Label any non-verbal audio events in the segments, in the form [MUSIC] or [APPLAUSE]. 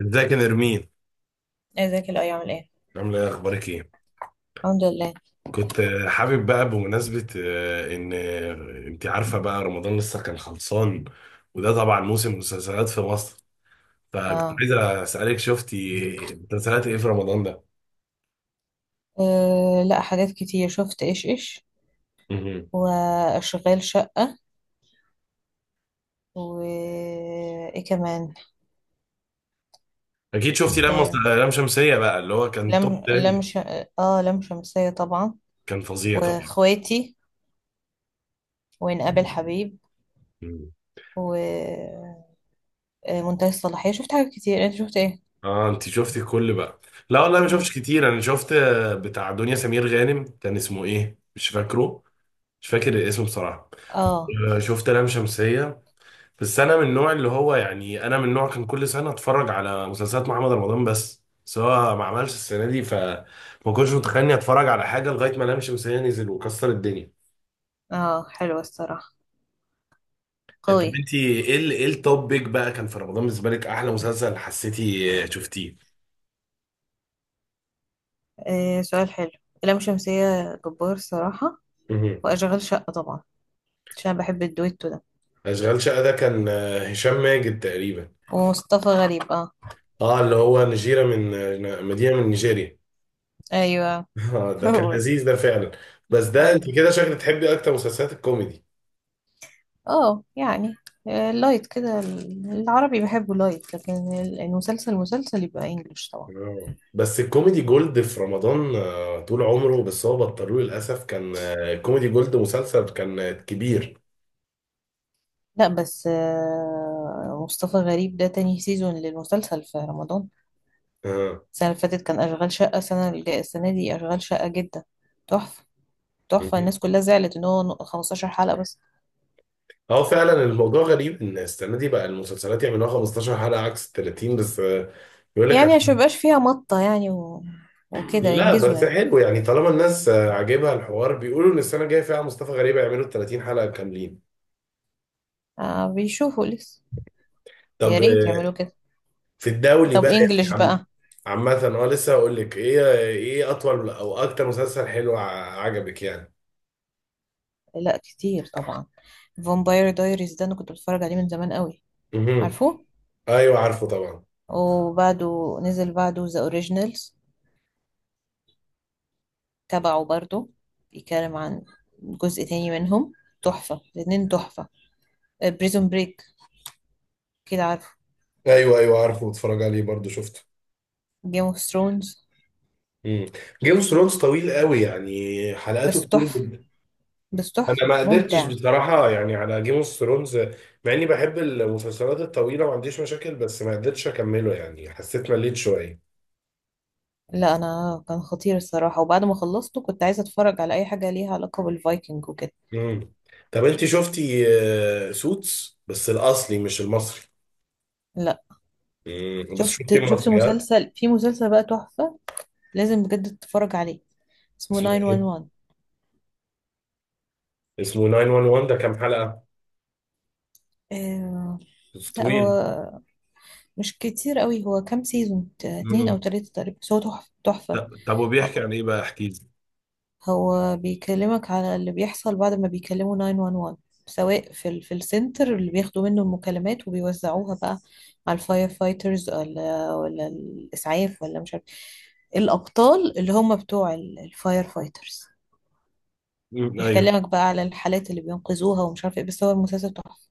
ازيك يا نرمين؟ ازيك؟ الاي عامل ايه؟ عامله ايه؟ اخبارك ايه؟ الحمد لله. كنت حابب بقى بمناسبه ان انت عارفه بقى رمضان لسه كان خلصان. وده طبعا موسم مسلسلات في مصر. فكنت اه. عايز اسالك، شفتي مسلسلات ايه في رمضان ده؟ لا، حاجات كتير شفت، ايش ايش، مهم. واشغال شقة، و ايه كمان؟ اكيد شفتي آه لام شمسيه بقى اللي هو كان لم توب لم ترند. ش... اه لم شمسية طبعا. كان فظيع طبعا. واخواتي، ونقابل حبيب، مم. ومنتهي الصلاحية. شفت حاجات كتير، انت شفت ايه؟ اه، انت شفتي كل بقى؟ لا والله، ما شفتش مم. كتير. انا شفت بتاع دنيا سمير غانم، كان اسمه ايه؟ مش فاكره. مش فاكر الاسم بصراحه. اه. شفت لام شمسيه. بس انا من النوع اللي هو يعني انا من النوع كان كل سنه اتفرج على مسلسلات محمد رمضان بس، سواء ما عملش السنه دي، فما كنتش متخيل اني اتفرج على حاجه لغايه ما لام شمسية نزل وكسر الدنيا. اه، حلوة الصراحة طب قوي. انت ايه التوب بيك بقى كان في رمضان، بالنسبه لك احلى مسلسل حسيتي شفتيه؟ آه، سؤال حلو. لم شمسية جبار الصراحة. مهم. واشغال شقة طبعا، عشان بحب الدويتو ده. اشغال شقه ده كان هشام ماجد تقريبا. ومصطفى غريب، اه. اه، اللي هو نجيره من مدينه من نيجيريا. ايوه، [LAUGHS] ده كان هو ده. لذيذ ده فعلا. بس ده أيوة. انت كده شكلك تحبي اكتر مسلسلات الكوميدي. اه يعني، لايت كده، العربي بحبه لايت، لكن المسلسل مسلسل يبقى انجلش طبعا. آه. بس الكوميدي جولد في رمضان طول عمره، بس هو بطلوه للأسف. كان كوميدي جولد مسلسل كان كبير. لا بس مصطفى غريب ده تاني سيزون للمسلسل في رمضان. اه. السنة اللي فاتت كان أشغال شقة، السنة اللي جاية السنة دي أشغال شقة جدا تحفة، تحفة. مهم. الناس كلها زعلت إن هو 15 حلقة بس، اه، فعلا الموضوع غريب ان السنة دي بقى المسلسلات يعملوها 15 حلقة عكس 30 بس. يقول لك يعني عشان عشان. ميبقاش فيها مطة يعني، و... وكده لا ينجزوا بس يعني. حلو يعني، طالما الناس عاجبها الحوار بيقولوا ان السنة الجاية فيها مصطفى غريب يعملوا 30 حلقة كاملين. آه، بيشوفوا لسه. يا طب ريت يعملوا كده. في الدولي طب بقى يعني انجلش عم. بقى. عامة اه، لسه هقول لك ايه اطول او اكتر مسلسل حلو عجبك يعني. لا، كتير طبعا. فامباير دايريز ده انا كنت بتفرج عليه من زمان قوي، مهم. عارفه. ايوه، عارفه طبعا. وبعده نزل بعده ذا اوريجينالز تبعه برضه، بيتكلم عن جزء تاني منهم. تحفة الاتنين، تحفة. بريزون بريك، كده عارفه. ايوه، ايوه، عارفه، بتفرج عليه برضو شفته. جيم اوف ثرونز، امم. جيم اوف ثرونز طويل قوي، يعني حلقاته بس كتير تحفة، جدا. بس انا تحفة ما قدرتش ممتع. بصراحه يعني على جيم اوف ثرونز. مع اني بحب المسلسلات الطويله، ما عنديش مشاكل، بس ما قدرتش اكمله يعني حسيت مليت شويه. لا، انا كان خطير الصراحة، وبعد ما خلصته كنت عايزة اتفرج على اي حاجة ليها علاقة بالفايكنج وكده. امم. طب انت شفتي سوتس، بس الاصلي مش المصري. لا. بس شفتي شفت المصري، ها؟ مسلسل في مسلسل بقى تحفة، لازم بجد تتفرج عليه، اسمه اسمه ايه؟ 911. اسمه 911، ده كام حلقه؟ آه. بس لا، هو طويل؟ مش كتير قوي، هو كام سيزون، اتنين او امم. تلاتة تقريبا، بس هو تحفة تحفة. طب، طب، وبيحكي آه، عن ايه بقى؟ احكي. هو بيكلمك على اللي بيحصل بعد ما بيكلموا 911، سواء في السنتر اللي بياخدوا منه المكالمات وبيوزعوها بقى على الفاير فايترز، ولا الاسعاف، ولا مش عارف. الابطال اللي هم بتوع الفاير فايترز، مم، يحكي ايوه. لك بقى على الحالات اللي بينقذوها، ومش عارف ايه، بس هو المسلسل تحفة.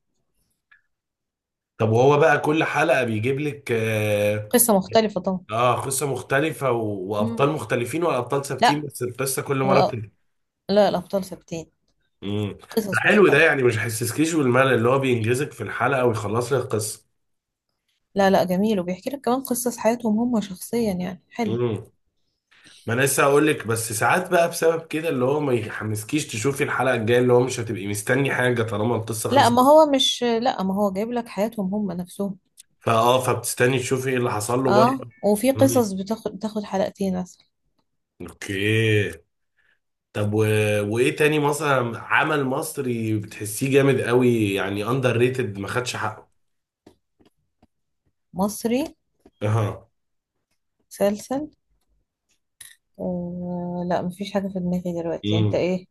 طب وهو بقى كل حلقة بيجيب لك اه؟ قصة مختلفة. قصة مختلفة مم. وابطال مختلفين، والابطال ثابتين، لا، بس القصة كل مرة لا، بتبقى. لا، الأبطال ثابتين. امم. ده قصص حلو ده، مختلفة. يعني مش هيحسسكيش بالملل، اللي هو بينجزك في الحلقة ويخلص لك القصة. لا، لا، جميل، وبيحكي لك كمان قصص حياتهم هم شخصيا، يعني حلو. امم. ما انا لسه هقول لك، بس ساعات بقى بسبب كده اللي هو ما يحمسكيش تشوفي الحلقة الجاية، اللي هو مش هتبقي مستني حاجة طالما القصة خلصت. لا، ما هو جايب لك حياتهم هم نفسهم. فاه، فبتستني تشوفي ايه اللي حصل له بره. اه، وفي امم. قصص بتاخد حلقتين مثلا. اوكي. طب وايه تاني مثلا عمل مصري بتحسيه جامد قوي، يعني اندر ريتد، ما خدش حقه؟ مصري، اها. مسلسل، لا مفيش حاجة في دماغي دلوقتي، انت امم. ايه؟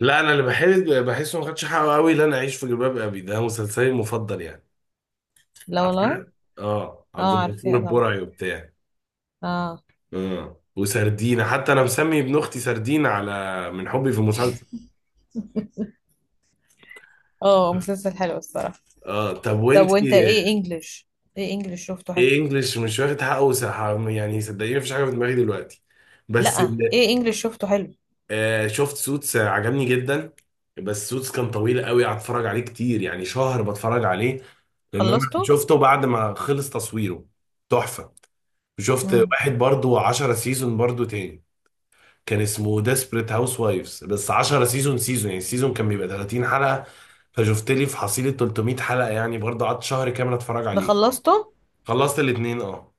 لا، انا اللي بحس بحسه ما خدش حقه قوي. لا، انا اعيش في جلباب ابي ده مسلسلي المفضل يعني. لا والله. عارفه؟ اه، عبد اه، الغفور عارفاه طبعا. البرعي وبتاع. اه. اه، وسردينة، حتى انا مسمي ابن اختي سردينة على من حبي في المسلسل. اه، مسلسل حلو الصراحة. اه، طب طب وانت، وانتي؟ ايه انجلش؟ ايه انجلش شفته حلو. ايه انجلش مش واخد حقه يعني صدقيني مفيش حاجه في دماغي دلوقتي. بس لا، ايه انجلش شفته حلو. شفت سوتس، عجبني جدا. بس سوتس كان طويل قوي، قعدت اتفرج عليه كتير، يعني شهر بتفرج عليه. لان انا خلصته. شفته بعد ما خلص تصويره. تحفة. شفت امم. واحد برضو 10 سيزون برضو تاني. كان اسمه ديسبريت هاوس وايفز، بس 10 سيزون، سيزون يعني السيزون كان بيبقى 30 حلقة. فشفت لي في حصيلة 300 حلقة، يعني برضو قعدت شهر كامل اتفرج ده عليه. خلصته. خلصت الاتنين، اه.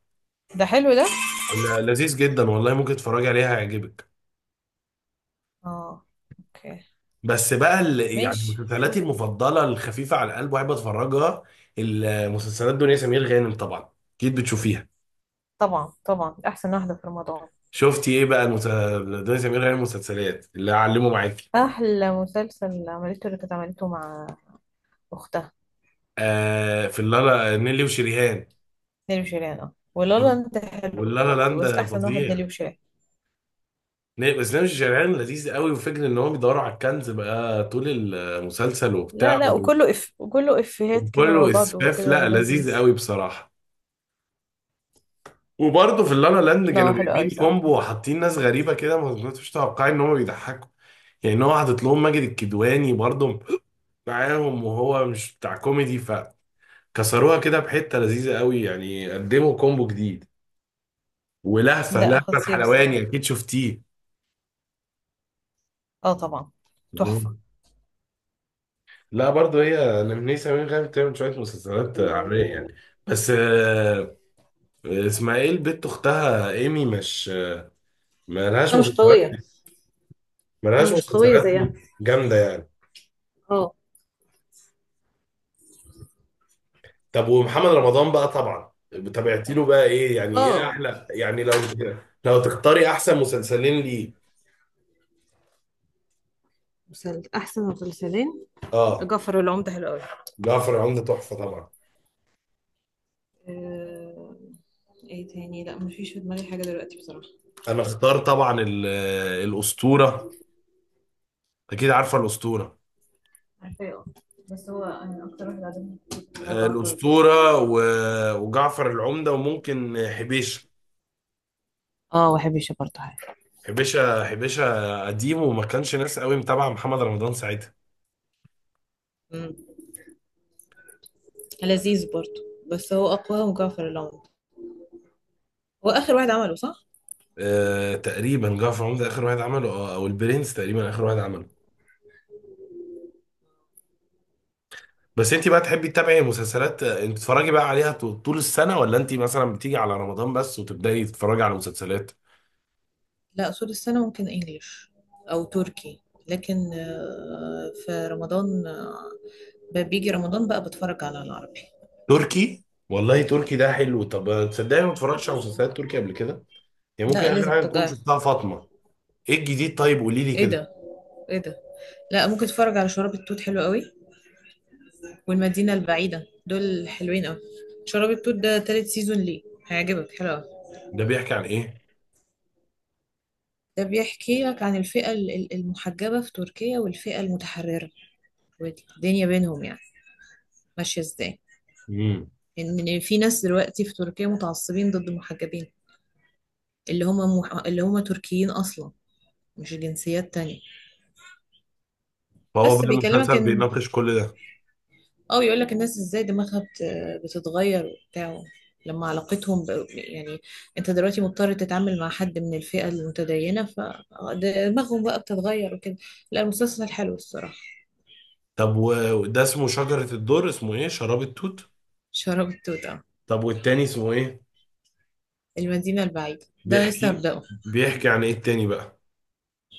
ده حلو ده. لذيذ جدا والله، ممكن تتفرج عليها هيعجبك. اه. اوكي. بس بقى يعني ماشي، مسلسلاتي شوف. المفضله الخفيفه على القلب واحب اتفرجها. المسلسلات دنيا سمير غانم طبعا، اكيد بتشوفيها. طبعا طبعا، احسن واحده في رمضان. شفتي ايه بقى دنيا سمير غانم مسلسلات اللي هعلمه معاكي؟ احلى مسلسل عملته اللي كانت عملته مع اختها، في اللالا، نيلي وشريهان. نيلي وشيرين. اه، ولا طب لا انت، حلو واللالا برضه، لاند بس ده احسن واحد فظيع. نيلي وشيرين. بس نيلي وشريهان لذيذ قوي، وفكرة ان هم بيدوروا على الكنز بقى طول المسلسل لا وبتاع لا، وكله اف، وكله افيهات كده مع وكله بعض اسفاف. وكده لا، لذيذ لذيذ. قوي بصراحه. وبرضه في اللالا لاند لا، كانوا هو حلو قوي جايبين صراحه. كومبو وحاطين ناس غريبه كده، ما كنتش متوقعين ان هم بيضحكوا. يعني ان هو حاطط لهم ماجد الكدواني برضه معاهم، وهو مش بتاع كوميدي، فكسروها كده بحته، لذيذه قوي يعني، قدموا كومبو جديد. ولهفه ده لهفه خطير الحلواني، الصراحه. اكيد شفتيه؟ اه، طبعا. تحفه. مم. لا برضه هي نمنيه سمير غانم بتعمل شويه مسلسلات عاميه يعني. بس اسمها ايه البت اختها ايمي؟ مش مالهاش انا مش مسلسلات؟ قويه، انا مالهاش مش قويه مسلسلات زيها. جامده يعني. اه. طب ومحمد رمضان بقى طبعا، تابعتي له بقى ايه؟ يعني ايه اه، احلى، يعني لو تختاري احسن مسلسلين ليه؟ احسن مسلسلين. اه، جعفر العمدة حلو قوي. جعفر العمدة تحفة طبعا. آه، ايه تاني؟ لا، مفيش في دماغي حاجة دلوقتي بصراحة. انا اختار طبعا الاسطورة. اكيد عارفة الاسطورة. عارفاه اه. بس هو، انا اكتر واحد عجبني الرعب. الاسطورة و- وجعفر العمدة، وممكن حبيش. اه، بحب الشطة حاجة. حبيشة قديم وما كانش ناس قوي متابعة محمد رمضان ساعتها. مم. لذيذ برضو، بس هو أقوى مجعفر العمدة. هو آخر واحد عمله، صح؟ تقريبا جعفر العمدة اخر واحد عمله، او البرنس تقريبا اخر واحد عمله. بس انت بقى تحبي تتابعي مسلسلات، انت تتفرجي بقى عليها طول السنة، ولا انت مثلا بتيجي على رمضان بس وتبدأي تتفرجي على مسلسلات؟ لا، أصول السنة ممكن إنجليش أو تركي، لكن في رمضان، بيجي رمضان بقى بتفرج على العربي. تركي؟ والله تركي ده حلو. طب تصدقني، ما اتفرجتش على مسلسلات تركي قبل كده. يعني ممكن لا، اخر لازم حاجة اكون تجاه. شفتها فاطمة. ايه الجديد؟ طيب قولي لي ايه كده. ده؟ ايه ده؟ لا، ممكن تتفرج على شراب التوت، حلو قوي، والمدينة البعيدة، دول حلوين أوي. شراب التوت ده تالت سيزون ليه، هيعجبك، حلو أوي. ده بيحكي عن ايه؟ ده بيحكي لك عن الفئة المحجبة في تركيا، والفئة المتحررة، والدنيا بينهم يعني ماشية ازاي. امم. إن في ناس دلوقتي في تركيا متعصبين ضد المحجبين، اللي هم تركيين أصلا، مش جنسيات تانية. فهو بس بقى بيكلمك المسلسل إن، بيناقش كل ده؟ اه، يقول لك الناس ازاي دماغها بتتغير وبتاع، لما علاقتهم يعني، انت دلوقتي مضطر تتعامل مع حد من الفئة المتدينة، فدماغهم بقى بتتغير وكده. لا، المسلسل حلو الصراحة. طب و- وده اسمه شجرة الدر؟ اسمه ايه؟ شراب التوت؟ شراب التوتة. طب والتاني اسمه ايه؟ المدينة البعيدة ده انا لسه بيحكي هبدأه. بيحكي عن ايه التاني بقى؟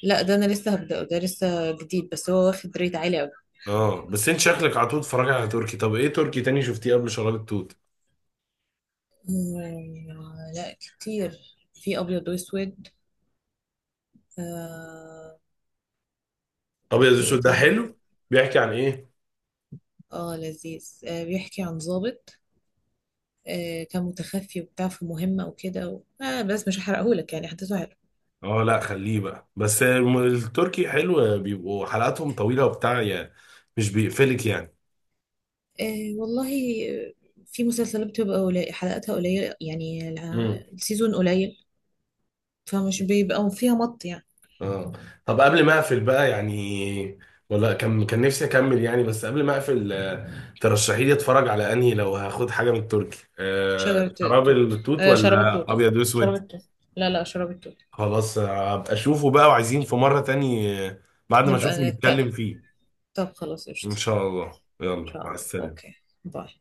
لا، ده انا لسه هبدأه، ده لسه جديد، بس هو واخد ريت عالي قوي. اه، بس انت شكلك على طول بتتفرج على تركي. طب ايه تركي تاني شفتيه قبل شراب التوت؟ لا، كتير، في ابيض واسود آه، ابيض في ايه اسود ده تاني. حلو. بيحكي عن ايه؟ اه لذيذ، آه، بيحكي عن ضابط كان متخفي وبتاع في مهمة وكده، و... آه بس مش هحرقهولك يعني، حدثه حلو. اه لا، خليه بقى. بس التركي حلو، بيبقوا حلقاتهم طويله وبتاع يعني، مش بيقفلك يعني. آه والله. آه، في مسلسلات بتبقى قليل، حلقاتها قليلة يعني، امم. السيزون قليل، فمش بيبقى فيها مط يعني. اه، طب قبل ما اقفل بقى يعني، ولا كان نفسي اكمل يعني، بس قبل ما اقفل ترشحي لي اتفرج على انهي، لو هاخد حاجه من التركي، شجرة شراب التوت، التوت آه شراب ولا التوت، اه، ابيض شراب اسود؟ التوت، لا لا، شراب التوت. خلاص، ابقى اشوفه بقى، وعايزين في مرة تاني بعد ما اشوفه نبقى نتكلم. نتكلم فيه. طب خلاص، ان قشطة. شاء الله، إن يلا شاء مع الله، السلامة. أوكي. باي.